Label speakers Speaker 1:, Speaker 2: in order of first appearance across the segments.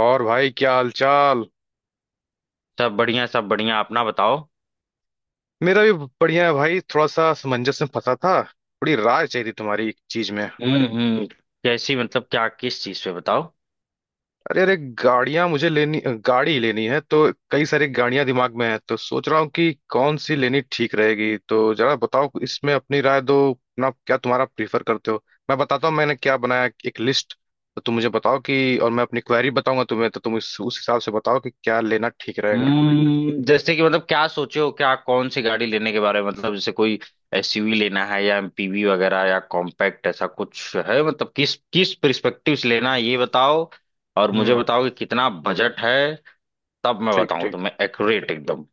Speaker 1: और भाई क्या हालचाल।
Speaker 2: सब बढ़िया अपना बताओ।
Speaker 1: मेरा भी बढ़िया है भाई, थोड़ा सा समंजस में फंसा था। थोड़ी राय चाहिए थी तुम्हारी एक चीज में।
Speaker 2: हम्म। कैसी मतलब क्या किस चीज पे बताओ।
Speaker 1: अरे अरे, गाड़ियां मुझे लेनी गाड़ी लेनी है तो कई सारी गाड़ियां दिमाग में है, तो सोच रहा हूँ कि कौन सी लेनी ठीक रहेगी। तो जरा बताओ, इसमें अपनी राय दो, अपना क्या तुम्हारा प्रीफर करते हो। मैं बताता हूँ मैंने क्या बनाया एक लिस्ट। तो तुम मुझे बताओ कि, और मैं अपनी क्वेरी बताऊंगा तुम्हें, तो तुम इस, उस हिसाब से बताओ कि क्या लेना ठीक रहेगा।
Speaker 2: जैसे कि मतलब क्या सोचे हो क्या कौन सी गाड़ी लेने के बारे में मतलब जैसे कोई एसयूवी लेना है या एमपीवी वगैरह या कॉम्पैक्ट ऐसा कुछ है मतलब किस किस पर्सपेक्टिव से लेना है ये बताओ। और मुझे
Speaker 1: हम्म।
Speaker 2: बताओ कि कितना बजट है। तब मैं
Speaker 1: ठीक
Speaker 2: बताऊं
Speaker 1: ठीक।
Speaker 2: तुम्हें एक्यूरेट एकदम।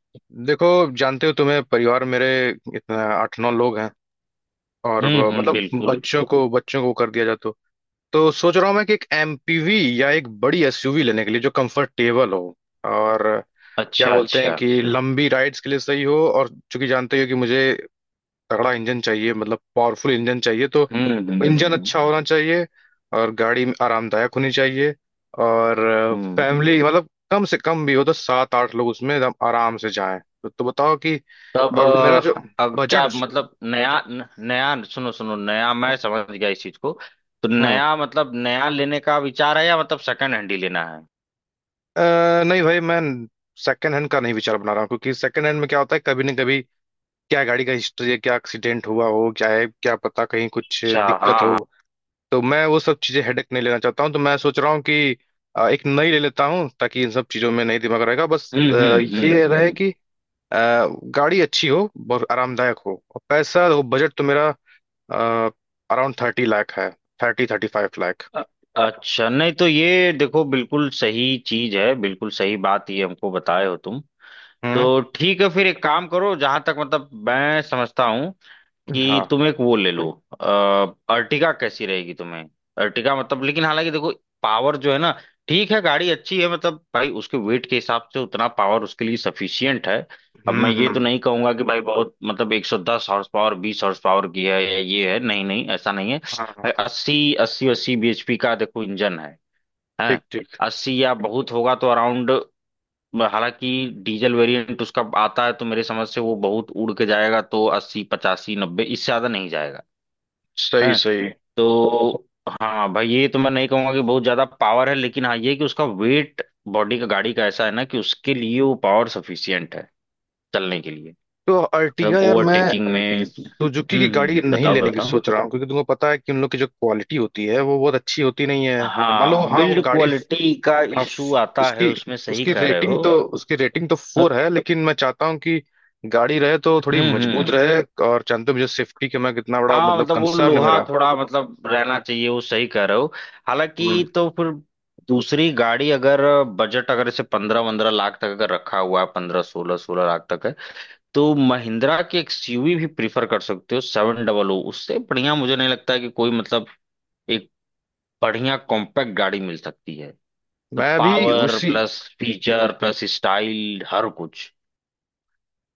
Speaker 1: देखो, जानते हो तुम्हें परिवार मेरे इतना आठ नौ लोग हैं, और
Speaker 2: बिल्कुल।
Speaker 1: बच्चों को कर दिया जाए तो सोच रहा हूँ मैं कि एक एमपीवी या एक बड़ी एसयूवी लेने के लिए जो कंफर्टेबल हो, और क्या
Speaker 2: अच्छा
Speaker 1: बोलते हैं
Speaker 2: अच्छा।
Speaker 1: कि लंबी राइड्स के लिए सही हो, और चूंकि जानते हो कि मुझे तगड़ा इंजन चाहिए, मतलब पावरफुल इंजन चाहिए, तो
Speaker 2: हम्म हम्म
Speaker 1: इंजन
Speaker 2: हम्म
Speaker 1: अच्छा होना चाहिए और गाड़ी आरामदायक होनी चाहिए। और
Speaker 2: हम्म।
Speaker 1: फैमिली मतलब कम से कम भी हो तो सात आठ लोग उसमें एकदम आराम से जाएं, तो बताओ कि
Speaker 2: तब
Speaker 1: और मेरा जो
Speaker 2: अ, अब क्या
Speaker 1: बजट।
Speaker 2: मतलब नया न- नया सुनो सुनो नया मैं समझ गया इस चीज को। तो
Speaker 1: हम्म।
Speaker 2: नया मतलब नया लेने का विचार है या मतलब सेकंड हैंड ही लेना है।
Speaker 1: नहीं भाई मैं सेकंड हैंड का नहीं विचार बना रहा हूँ, क्योंकि सेकंड हैंड में क्या होता है, कभी ना कभी क्या गाड़ी का हिस्ट्री है, क्या एक्सीडेंट हुआ हो, क्या है, क्या पता कहीं कुछ
Speaker 2: अच्छा हाँ
Speaker 1: दिक्कत हो।
Speaker 2: हाँ।
Speaker 1: तो मैं वो सब चीजें हेडेक नहीं लेना चाहता हूँ, तो मैं सोच रहा हूँ कि एक नई ले लेता हूँ, ताकि इन सब चीजों में नहीं दिमाग रहेगा। बस
Speaker 2: हम्म हम्म हम्म
Speaker 1: ये रहे
Speaker 2: हम्म।
Speaker 1: कि अ, गाड़ी अच्छी हो, बहुत आरामदायक हो, और पैसा वो बजट तो मेरा अराउंड 30 लाख है। Thirty thirty five lakh.
Speaker 2: अ- अच्छा नहीं तो ये देखो बिल्कुल सही चीज है बिल्कुल सही बात ये हमको बताए हो तुम।
Speaker 1: हम्म।
Speaker 2: तो ठीक है फिर एक काम करो जहां तक मतलब मैं समझता हूँ कि
Speaker 1: हाँ।
Speaker 2: तुम एक वो ले लो। अ, अर्टिगा कैसी रहेगी तुम्हें। अर्टिगा मतलब लेकिन हालांकि देखो पावर जो है ना। ठीक है गाड़ी अच्छी है मतलब भाई उसके वेट के हिसाब से उतना पावर उसके लिए सफिशियंट है। अब मैं ये तो
Speaker 1: हम्म।
Speaker 2: नहीं कहूंगा कि भाई बहुत मतलब 110 हॉर्स पावर 20 हॉर्स पावर की है या ये है नहीं नहीं ऐसा नहीं है।
Speaker 1: हाँ
Speaker 2: भाई
Speaker 1: हाँ।
Speaker 2: 80 अस्सी अस्सी bhp का देखो इंजन है हैं।
Speaker 1: ठीक ठीक।
Speaker 2: 80 या बहुत होगा तो अराउंड हालांकि डीजल वेरिएंट उसका आता है तो मेरे समझ से वो बहुत उड़ के जाएगा तो 80 85 90 इससे ज्यादा नहीं जाएगा।
Speaker 1: सही
Speaker 2: है
Speaker 1: सही।
Speaker 2: तो हाँ भाई ये तो मैं नहीं कहूंगा कि बहुत ज्यादा पावर है लेकिन हाँ ये कि उसका वेट बॉडी का गाड़ी का ऐसा है ना कि उसके लिए वो पावर सफिशियंट है चलने के लिए।
Speaker 1: तो
Speaker 2: मतलब
Speaker 1: अर्टिगा यार मैं
Speaker 2: ओवरटेकिंग में।
Speaker 1: सुजुकी की गाड़ी नहीं
Speaker 2: बताओ
Speaker 1: लेने की
Speaker 2: बताओ।
Speaker 1: सोच रहा हूँ, क्योंकि तुमको पता है कि उन लोग की जो क्वालिटी होती है वो बहुत अच्छी होती नहीं है। मान लो
Speaker 2: हाँ
Speaker 1: हाँ वो
Speaker 2: बिल्ड
Speaker 1: गाड़ी,
Speaker 2: क्वालिटी का
Speaker 1: हाँ,
Speaker 2: इशू आता है
Speaker 1: उसकी
Speaker 2: उसमें सही
Speaker 1: उसकी
Speaker 2: कह रहे
Speaker 1: रेटिंग
Speaker 2: हो।
Speaker 1: तो उसकी रेटिंग तो 4 है, लेकिन मैं चाहता हूँ कि गाड़ी रहे तो थोड़ी मजबूत
Speaker 2: हम्म।
Speaker 1: रहे। और जानते हो मुझे सेफ्टी का मैं कितना बड़ा
Speaker 2: हाँ
Speaker 1: मतलब
Speaker 2: मतलब वो
Speaker 1: कंसर्न है
Speaker 2: लोहा
Speaker 1: मेरा।
Speaker 2: थोड़ा मतलब रहना चाहिए वो सही कह रहे हो।
Speaker 1: हम्म।
Speaker 2: हालांकि तो फिर दूसरी गाड़ी अगर बजट अगर इसे 15 15 लाख तक अगर रखा हुआ है 15 16 16 लाख तक है। तो महिंद्रा की एक्सयूवी भी प्रीफर कर सकते हो सेवन डबल ओ उससे बढ़िया मुझे नहीं लगता है कि कोई मतलब एक बढ़िया कॉम्पैक्ट गाड़ी मिल सकती है। तो
Speaker 1: मैं भी
Speaker 2: पावर
Speaker 1: उसी
Speaker 2: प्लस फीचर प्लस स्टाइल हर कुछ।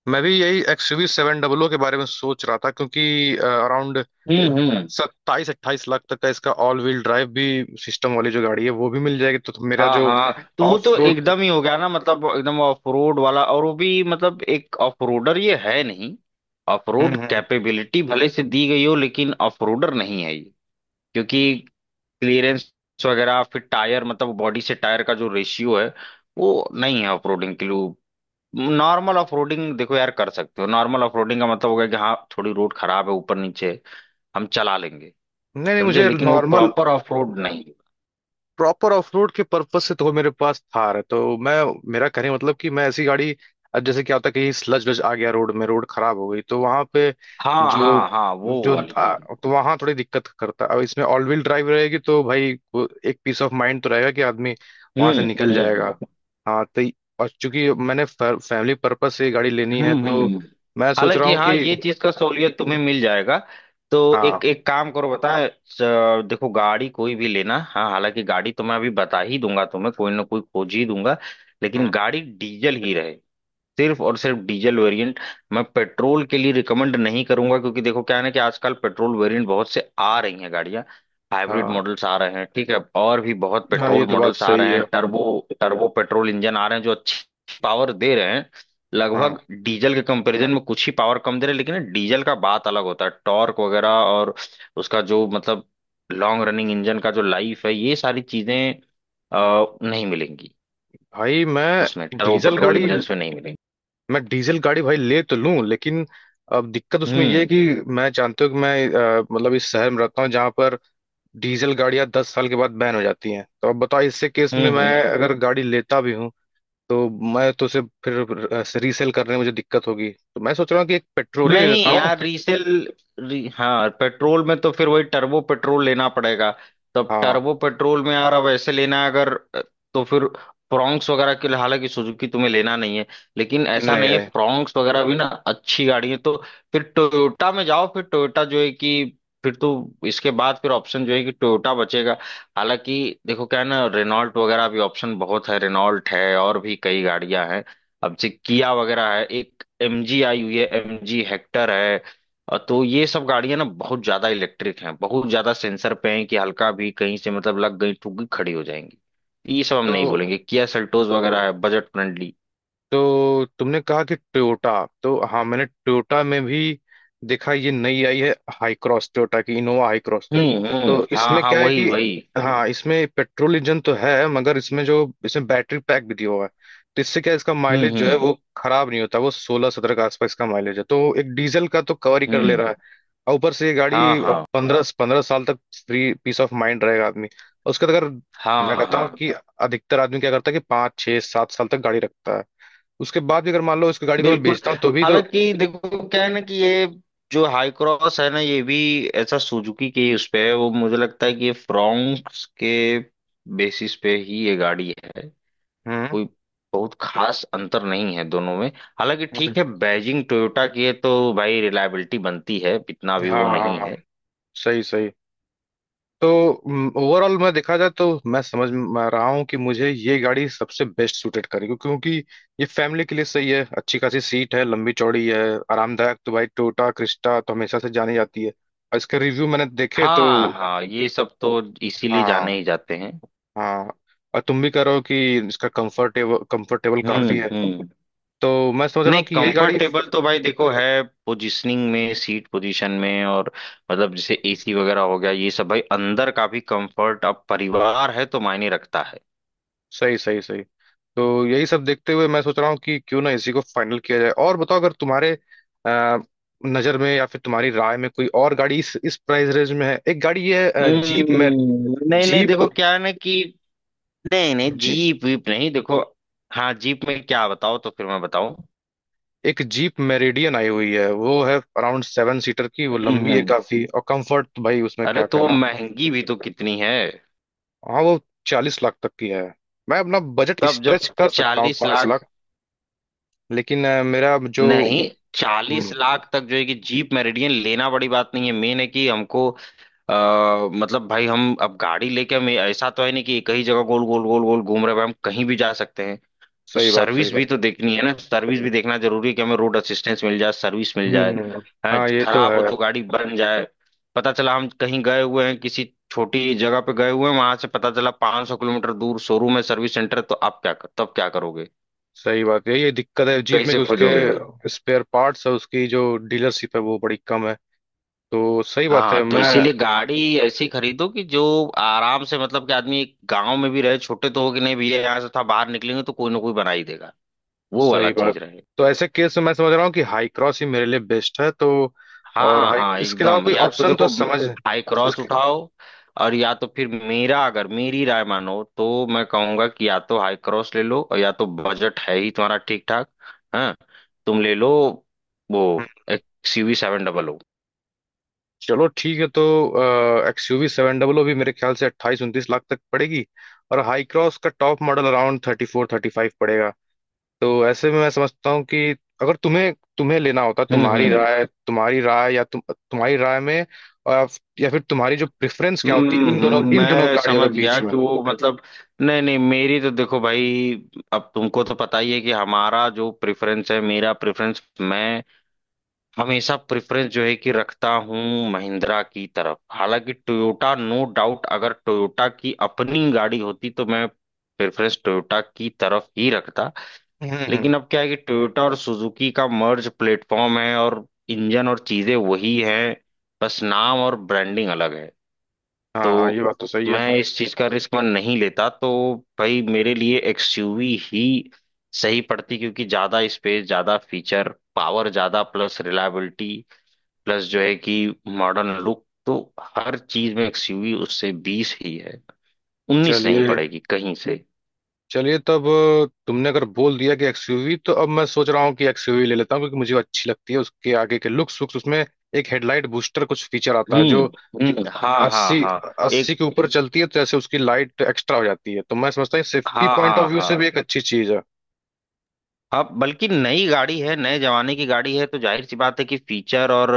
Speaker 1: मैं भी यही एक्सयूवी सेवन डबल ओ के बारे में सोच रहा था, क्योंकि अराउंड
Speaker 2: हम्म।
Speaker 1: 27-28 लाख तक का इसका ऑल व्हील ड्राइव भी सिस्टम वाली जो गाड़ी है वो भी मिल जाएगी, तो मेरा
Speaker 2: हाँ
Speaker 1: जो
Speaker 2: हाँ तो वो
Speaker 1: ऑफ
Speaker 2: तो
Speaker 1: रोड।
Speaker 2: एकदम ही हो गया ना मतलब एकदम ऑफ रोड वाला और वो भी मतलब एक ऑफ रोडर ये है नहीं। ऑफ रोड
Speaker 1: हम्म हम्म।
Speaker 2: कैपेबिलिटी भले से दी गई हो लेकिन ऑफ रोडर नहीं है ये। क्योंकि क्लियरेंस वगैरह फिर टायर मतलब बॉडी से टायर का जो रेशियो है वो नहीं है ऑफ रोडिंग के लिए। नॉर्मल ऑफ रोडिंग देखो यार कर सकते हो नॉर्मल ऑफ रोडिंग का मतलब हो गया कि हाँ थोड़ी रोड खराब है ऊपर नीचे है, हम चला लेंगे।
Speaker 1: नहीं नहीं,
Speaker 2: समझे
Speaker 1: मुझे
Speaker 2: लेकिन वो
Speaker 1: नॉर्मल
Speaker 2: प्रॉपर ऑफ रोड नहीं।
Speaker 1: प्रॉपर ऑफ रोड के पर्पज से तो मेरे पास थार है, तो मैं मेरा कहने का मतलब कि मैं ऐसी गाड़ी। अब जैसे क्या होता है कि स्लज वज आ गया रोड में, रोड खराब हो गई, तो वहां पे
Speaker 2: हाँ
Speaker 1: जो
Speaker 2: हाँ हाँ वो
Speaker 1: जो
Speaker 2: वाली
Speaker 1: आ,
Speaker 2: चीज।
Speaker 1: तो वहां थोड़ी दिक्कत करता है। अब इसमें ऑल व्हील ड्राइव रहेगी तो भाई वो एक पीस ऑफ माइंड तो रहेगा कि आदमी
Speaker 2: हम्म
Speaker 1: वहां से निकल
Speaker 2: हम्म
Speaker 1: जाएगा।
Speaker 2: हम्म
Speaker 1: हाँ तो और चूंकि मैंने फैमिली पर्पज से ये गाड़ी लेनी है
Speaker 2: हम्म
Speaker 1: तो
Speaker 2: हम्म।
Speaker 1: मैं सोच रहा
Speaker 2: हालांकि
Speaker 1: हूँ
Speaker 2: हाँ
Speaker 1: कि।
Speaker 2: ये चीज का सहूलियत तुम्हें मिल जाएगा। तो
Speaker 1: हाँ।
Speaker 2: एक एक काम करो देखो गाड़ी कोई भी लेना हाँ हालांकि गाड़ी तो मैं अभी बता ही दूंगा तुम्हें कोई ना कोई खोज ही दूंगा। लेकिन
Speaker 1: हम्म।
Speaker 2: गाड़ी डीजल ही रहे। सिर्फ और सिर्फ डीजल वेरिएंट। मैं पेट्रोल के लिए रिकमेंड नहीं करूंगा क्योंकि देखो क्या है ना कि आजकल पेट्रोल वेरिएंट बहुत से आ रही हैं गाड़ियां। हाइब्रिड
Speaker 1: हाँ
Speaker 2: मॉडल्स आ रहे हैं ठीक है। और भी बहुत
Speaker 1: हाँ
Speaker 2: पेट्रोल
Speaker 1: ये तो बात
Speaker 2: मॉडल्स आ रहे
Speaker 1: सही
Speaker 2: हैं
Speaker 1: है।
Speaker 2: टर्बो टर्बो पेट्रोल इंजन आ रहे हैं जो अच्छी पावर दे रहे हैं।
Speaker 1: हाँ
Speaker 2: लगभग डीजल के कंपैरिजन में कुछ ही पावर कम दे रहे हैं लेकिन डीजल का बात अलग होता है टॉर्क वगैरह और उसका जो मतलब लॉन्ग रनिंग इंजन का जो लाइफ है ये सारी चीजें नहीं मिलेंगी
Speaker 1: भाई
Speaker 2: उसमें
Speaker 1: मैं
Speaker 2: टर्बो
Speaker 1: डीजल
Speaker 2: पेट्रोल
Speaker 1: गाड़ी,
Speaker 2: इंजन में नहीं मिलेंगी।
Speaker 1: भाई ले तो लूं लेकिन अब दिक्कत उसमें ये है
Speaker 2: हम्म
Speaker 1: कि मैं, जानते हो कि मैं मतलब इस शहर में रहता हूँ जहां पर डीजल गाड़ियां 10 साल के बाद बैन हो जाती हैं। तो अब बताओ इससे केस में
Speaker 2: हम्म
Speaker 1: मैं
Speaker 2: हम्म।
Speaker 1: अगर गाड़ी लेता भी हूँ तो मैं तो उसे फिर रीसेल करने में मुझे दिक्कत होगी। तो मैं सोच रहा हूँ कि एक पेट्रोल ही ले
Speaker 2: नहीं
Speaker 1: लेता हूँ।
Speaker 2: यार रीसेल हाँ पेट्रोल में तो फिर वही टर्बो पेट्रोल लेना पड़ेगा। तब
Speaker 1: हाँ।
Speaker 2: टर्बो पेट्रोल में यार अब ऐसे लेना है अगर तो फिर फ्रॉन्क्स वगैरह के लिए हालांकि सुजुकी तुम्हें लेना नहीं है लेकिन ऐसा
Speaker 1: नहीं
Speaker 2: नहीं है
Speaker 1: रहे
Speaker 2: फ्रॉन्क्स वगैरह भी ना अच्छी गाड़ी है। तो फिर टोयोटा में जाओ फिर टोयोटा जो है कि फिर तो इसके बाद फिर ऑप्शन जो है कि टोयोटा बचेगा। हालांकि देखो क्या है ना रेनॉल्ट वगैरह भी ऑप्शन बहुत है रेनॉल्ट है और भी कई गाड़ियां हैं अब से किया वगैरह है एक एमजी आई हुई है एमजी हेक्टर है। तो ये सब गाड़ियां ना बहुत ज्यादा इलेक्ट्रिक हैं बहुत ज्यादा सेंसर पे हैं कि हल्का भी कहीं से मतलब लग गई ठुक गई खड़ी हो जाएंगी। ये सब हम नहीं बोलेंगे
Speaker 1: तो।
Speaker 2: किया सेल्टोस वगैरह है बजट फ्रेंडली।
Speaker 1: तो तुमने कहा कि टोयोटा, तो हाँ मैंने टोयोटा में भी देखा ये नई आई है, हाई क्रॉस, टोयोटा की इनोवा हाई। तो
Speaker 2: हाँ
Speaker 1: इसमें
Speaker 2: हाँ
Speaker 1: क्या है
Speaker 2: वही
Speaker 1: कि,
Speaker 2: वही।
Speaker 1: हाँ इसमें पेट्रोल इंजन तो है, मगर इसमें जो इसमें बैटरी पैक भी दिया हुआ है, तो इससे क्या है, इसका
Speaker 2: हम्म
Speaker 1: माइलेज जो है
Speaker 2: हम्म
Speaker 1: वो खराब नहीं होता, वो 16-17 के आसपास इसका माइलेज है, तो एक डीजल का तो कवर ही कर ले
Speaker 2: हम्म।
Speaker 1: रहा है। और ऊपर से ये
Speaker 2: हाँ
Speaker 1: गाड़ी
Speaker 2: हाँ
Speaker 1: पंद्रह पंद्रह साल तक फ्री पीस ऑफ माइंड रहेगा आदमी, और उसके बाद अगर मैं
Speaker 2: हाँ
Speaker 1: कहता हूँ
Speaker 2: हाँ
Speaker 1: कि अधिकतर आदमी क्या करता है कि पाँच छः सात साल तक गाड़ी रखता है, उसके बाद भी अगर मान लो इस गाड़ी को मैं
Speaker 2: बिल्कुल।
Speaker 1: बेचता हूँ तो भी तो।
Speaker 2: हालांकि देखो क्या है ना कि ये जो हाई क्रॉस है ना ये भी ऐसा सुजुकी के ही उस पे है वो मुझे लगता है कि ये फ्रोंक्स के बेसिस पे ही ये गाड़ी है।
Speaker 1: हम्म।
Speaker 2: कोई बहुत खास अंतर नहीं है दोनों में। हालांकि
Speaker 1: हम्म,
Speaker 2: ठीक है बैजिंग टोयोटा की है तो भाई रिलायबिलिटी बनती है इतना भी
Speaker 1: हाँ
Speaker 2: वो
Speaker 1: हाँ
Speaker 2: नहीं
Speaker 1: हाँ,
Speaker 2: है।
Speaker 1: सही सही। तो ओवरऑल मैं देखा जाए तो मैं समझ रहा हूँ कि मुझे ये गाड़ी सबसे बेस्ट सूटेड करेगी, क्योंकि ये फैमिली के लिए सही है, अच्छी खासी सीट है, लंबी चौड़ी है। आरामदायक तो भाई टोयोटा क्रिस्टा तो हमेशा से जानी जाती है, और इसके रिव्यू मैंने देखे तो।
Speaker 2: हाँ हाँ ये सब तो इसीलिए जाने
Speaker 1: हाँ
Speaker 2: ही जाते हैं।
Speaker 1: हाँ। और तुम भी कह रहे हो कि इसका कंफर्टेबल कंफर्टेबल काफी है,
Speaker 2: हम्म।
Speaker 1: तो मैं समझ रहा
Speaker 2: नहीं
Speaker 1: हूँ कि यही गाड़ी।
Speaker 2: कंफर्टेबल तो भाई देखो है पोजीशनिंग में सीट पोजीशन में और मतलब जैसे एसी वगैरह हो गया ये सब भाई अंदर का भी कंफर्ट अब परिवार है तो मायने रखता है।
Speaker 1: सही सही सही। तो यही सब देखते हुए मैं सोच रहा हूँ कि क्यों ना इसी को फाइनल किया जाए, और बताओ अगर तुम्हारे अ, नजर में या फिर तुम्हारी राय में कोई और गाड़ी इस प्राइस रेंज में है। एक गाड़ी है जीप में।
Speaker 2: नहीं नहीं
Speaker 1: जीप।
Speaker 2: देखो क्या है ना कि नहीं नहीं
Speaker 1: जी।
Speaker 2: जीप वीप नहीं देखो। हाँ जीप में क्या बताओ तो फिर मैं बताऊं।
Speaker 1: एक जीप मेरिडियन आई हुई है, वो है अराउंड सेवन सीटर की, वो
Speaker 2: हम्म
Speaker 1: लंबी है
Speaker 2: हम्म।
Speaker 1: काफी, और कंफर्ट भाई उसमें
Speaker 2: अरे
Speaker 1: क्या
Speaker 2: तो
Speaker 1: कहना।
Speaker 2: महंगी भी तो कितनी है।
Speaker 1: हाँ वो 40 लाख तक की है। मैं अपना बजट
Speaker 2: तब
Speaker 1: स्ट्रेच
Speaker 2: जब
Speaker 1: कर सकता हूँ
Speaker 2: चालीस
Speaker 1: पांच
Speaker 2: लाख
Speaker 1: लाख लेकिन मेरा जो।
Speaker 2: नहीं चालीस
Speaker 1: हम्म,
Speaker 2: लाख तक जो है कि जीप मेरिडियन लेना बड़ी बात नहीं है मेन है कि हमको मतलब भाई हम अब गाड़ी लेके हम ऐसा तो है नहीं कि एक ही जगह गोल गोल गोल गोल घूम रहे हैं भाई हम कहीं भी जा सकते हैं। तो
Speaker 1: सही बात सही
Speaker 2: सर्विस
Speaker 1: बात।
Speaker 2: भी तो देखनी है ना सर्विस भी देखना जरूरी है कि हमें रोड असिस्टेंस मिल जाए सर्विस मिल जाए।
Speaker 1: हम्म।
Speaker 2: है
Speaker 1: हाँ ये तो
Speaker 2: खराब हो
Speaker 1: है।
Speaker 2: तो गाड़ी बन जाए। पता चला हम कहीं गए हुए हैं किसी छोटी जगह पे गए हुए हैं वहां से पता चला 500 किलोमीटर दूर शोरूम है सर्विस सेंटर है, तो आप क्या कर तब क्या करोगे।
Speaker 1: सही बात है, ये दिक्कत है जीप में
Speaker 2: कैसे
Speaker 1: कि
Speaker 2: खोजोगे।
Speaker 1: उसके स्पेयर पार्ट्स है, उसकी जो डीलरशिप है वो बड़ी कम है, तो सही बात है
Speaker 2: हाँ तो
Speaker 1: मैं।
Speaker 2: इसीलिए गाड़ी ऐसी खरीदो कि जो आराम से मतलब कि आदमी गांव में भी रहे छोटे तो हो कि नहीं भैया यहाँ से था बाहर निकलेंगे तो कोई ना कोई बना ही देगा। वो वाला
Speaker 1: सही बात।
Speaker 2: चीज रहे।
Speaker 1: तो ऐसे केस में मैं समझ रहा हूँ कि हाई क्रॉस ही मेरे लिए बेस्ट है, तो और
Speaker 2: हाँ
Speaker 1: हाई
Speaker 2: हाँ
Speaker 1: इसके अलावा
Speaker 2: एकदम
Speaker 1: कोई
Speaker 2: या तो
Speaker 1: ऑप्शन तो
Speaker 2: देखो
Speaker 1: समझ।
Speaker 2: हाई क्रॉस उठाओ। और या तो फिर मेरा अगर मेरी राय मानो तो मैं कहूंगा कि या तो हाई क्रॉस ले लो और या तो बजट है ही तुम्हारा ठीक ठाक। हाँ तुम ले लो वो
Speaker 1: हम्म,
Speaker 2: एक्सयूवी सेवन डबल ओ।
Speaker 1: चलो ठीक है। तो एक्सयूवी सेवन डबल ओ भी मेरे ख्याल से 28-29 लाख तक पड़ेगी, और हाई क्रॉस का टॉप मॉडल अराउंड 34-35 पड़ेगा। तो ऐसे में मैं समझता हूँ कि अगर तुम्हें तुम्हें लेना होता,
Speaker 2: हम्म हम्म
Speaker 1: तुम्हारी राय में, और या फिर तुम्हारी जो प्रेफरेंस क्या होती इन दोनों
Speaker 2: मैं
Speaker 1: गाड़ियों के
Speaker 2: समझ गया
Speaker 1: बीच में।
Speaker 2: कि वो मतलब नहीं नहीं मेरी तो देखो भाई अब तुमको तो पता ही है कि हमारा जो प्रेफरेंस है मेरा प्रेफरेंस मैं हमेशा प्रेफरेंस जो है कि रखता हूँ महिंद्रा की तरफ हालांकि टोयोटा नो डाउट अगर टोयोटा की अपनी गाड़ी होती तो मैं प्रेफरेंस टोयोटा की तरफ ही रखता।
Speaker 1: हम्म हम्म।
Speaker 2: लेकिन अब क्या है कि टोयोटा और सुजुकी का मर्ज प्लेटफॉर्म है और इंजन और चीजें वही हैं। बस नाम और ब्रांडिंग अलग है।
Speaker 1: हाँ ये
Speaker 2: तो
Speaker 1: बात तो सही है।
Speaker 2: मैं इस चीज का रिस्क मैं नहीं लेता तो भाई मेरे लिए एक्सयूवी ही सही पड़ती क्योंकि ज्यादा स्पेस ज्यादा फीचर पावर ज्यादा प्लस रिलायबिलिटी प्लस जो है कि मॉडर्न लुक तो हर चीज में एक्सयूवी उससे बीस ही है उन्नीस नहीं
Speaker 1: चलिए।
Speaker 2: पड़ेगी कहीं से।
Speaker 1: चलिए तब, तुमने अगर बोल दिया कि एक्सयूवी, तो अब मैं सोच रहा हूँ कि एक्सयूवी ले लेता हूँ, क्योंकि मुझे वो अच्छी लगती है, उसके आगे के लुक्स वुक्स। उसमें एक हेडलाइट बूस्टर कुछ फीचर आता है
Speaker 2: हम्म
Speaker 1: जो
Speaker 2: हाँ हाँ
Speaker 1: अस्सी
Speaker 2: हाँ
Speaker 1: अस्सी
Speaker 2: एक
Speaker 1: के ऊपर चलती है, तो जैसे उसकी लाइट एक्स्ट्रा हो जाती है, तो मैं समझता हूँ सेफ्टी
Speaker 2: हाँ
Speaker 1: पॉइंट ऑफ
Speaker 2: हाँ
Speaker 1: व्यू से
Speaker 2: हाँ।
Speaker 1: भी एक अच्छी चीज है।
Speaker 2: अब बल्कि नई गाड़ी है नए जमाने की गाड़ी है तो जाहिर सी बात है कि फीचर और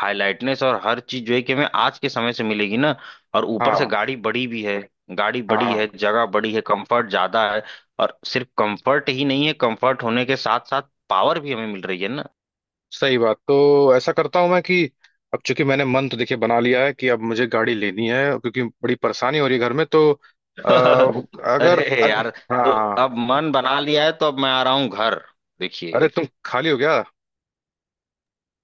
Speaker 2: हाईलाइटनेस और हर चीज जो है कि हमें आज के समय से मिलेगी ना। और ऊपर से
Speaker 1: हाँ
Speaker 2: गाड़ी बड़ी भी है। गाड़ी
Speaker 1: हाँ
Speaker 2: बड़ी
Speaker 1: हाँ,
Speaker 2: है जगह बड़ी है कंफर्ट ज्यादा है। और सिर्फ कंफर्ट ही नहीं है कंफर्ट होने के साथ साथ पावर भी हमें मिल रही है।
Speaker 1: सही बात। तो ऐसा करता हूँ मैं कि अब चूंकि मैंने मन तो देखिए बना लिया है कि अब मुझे गाड़ी लेनी है, क्योंकि बड़ी परेशानी हो रही है घर में, तो अगर
Speaker 2: अरे
Speaker 1: अग,
Speaker 2: यार तो
Speaker 1: हाँ।
Speaker 2: अब मन बना लिया है तो अब मैं आ रहा हूँ घर। देखिए।
Speaker 1: अरे तुम खाली हो गया।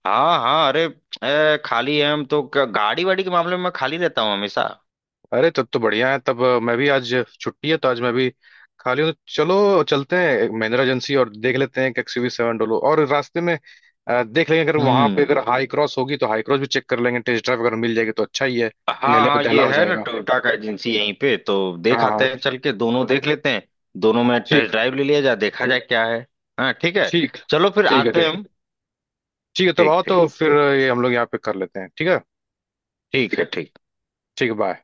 Speaker 2: हाँ हाँ अरे खाली है हम तो गाड़ी वाड़ी के मामले में मैं खाली रहता हूँ हमेशा।
Speaker 1: अरे तब तो बढ़िया है। तब मैं भी आज छुट्टी है तो आज मैं भी खाली हूँ, तो चलो चलते हैं महिंद्रा एजेंसी और देख लेते हैं कि एक्सयूवी सेवन डोलो, और रास्ते में देख लेंगे, अगर वहां पे
Speaker 2: हम्म।
Speaker 1: अगर हाई क्रॉस होगी तो हाई क्रॉस भी चेक कर लेंगे, टेस्ट ड्राइव अगर मिल जाएगी तो अच्छा ही है।
Speaker 2: हाँ
Speaker 1: नहले पे
Speaker 2: हाँ
Speaker 1: दहला
Speaker 2: ये
Speaker 1: हो
Speaker 2: है ना
Speaker 1: जाएगा।
Speaker 2: टोयोटा का एजेंसी यहीं पे तो देख
Speaker 1: हाँ
Speaker 2: आते
Speaker 1: हाँ।
Speaker 2: हैं चल के दोनों देख लेते हैं। दोनों में टेस्ट
Speaker 1: ठीक।
Speaker 2: ड्राइव ले लिया जाए देखा जाए क्या है। हाँ ठीक है।
Speaker 1: ठीक।
Speaker 2: चलो फिर
Speaker 1: ठीक है।
Speaker 2: आते
Speaker 1: ठीक।
Speaker 2: हैं हम।
Speaker 1: ठीक है तब
Speaker 2: ठीक
Speaker 1: आओ
Speaker 2: ठीक।
Speaker 1: तो फिर, ये हम लोग यहाँ पे कर लेते हैं, ठीक है।
Speaker 2: ठीक है ठीक।
Speaker 1: ठीक है। बाय।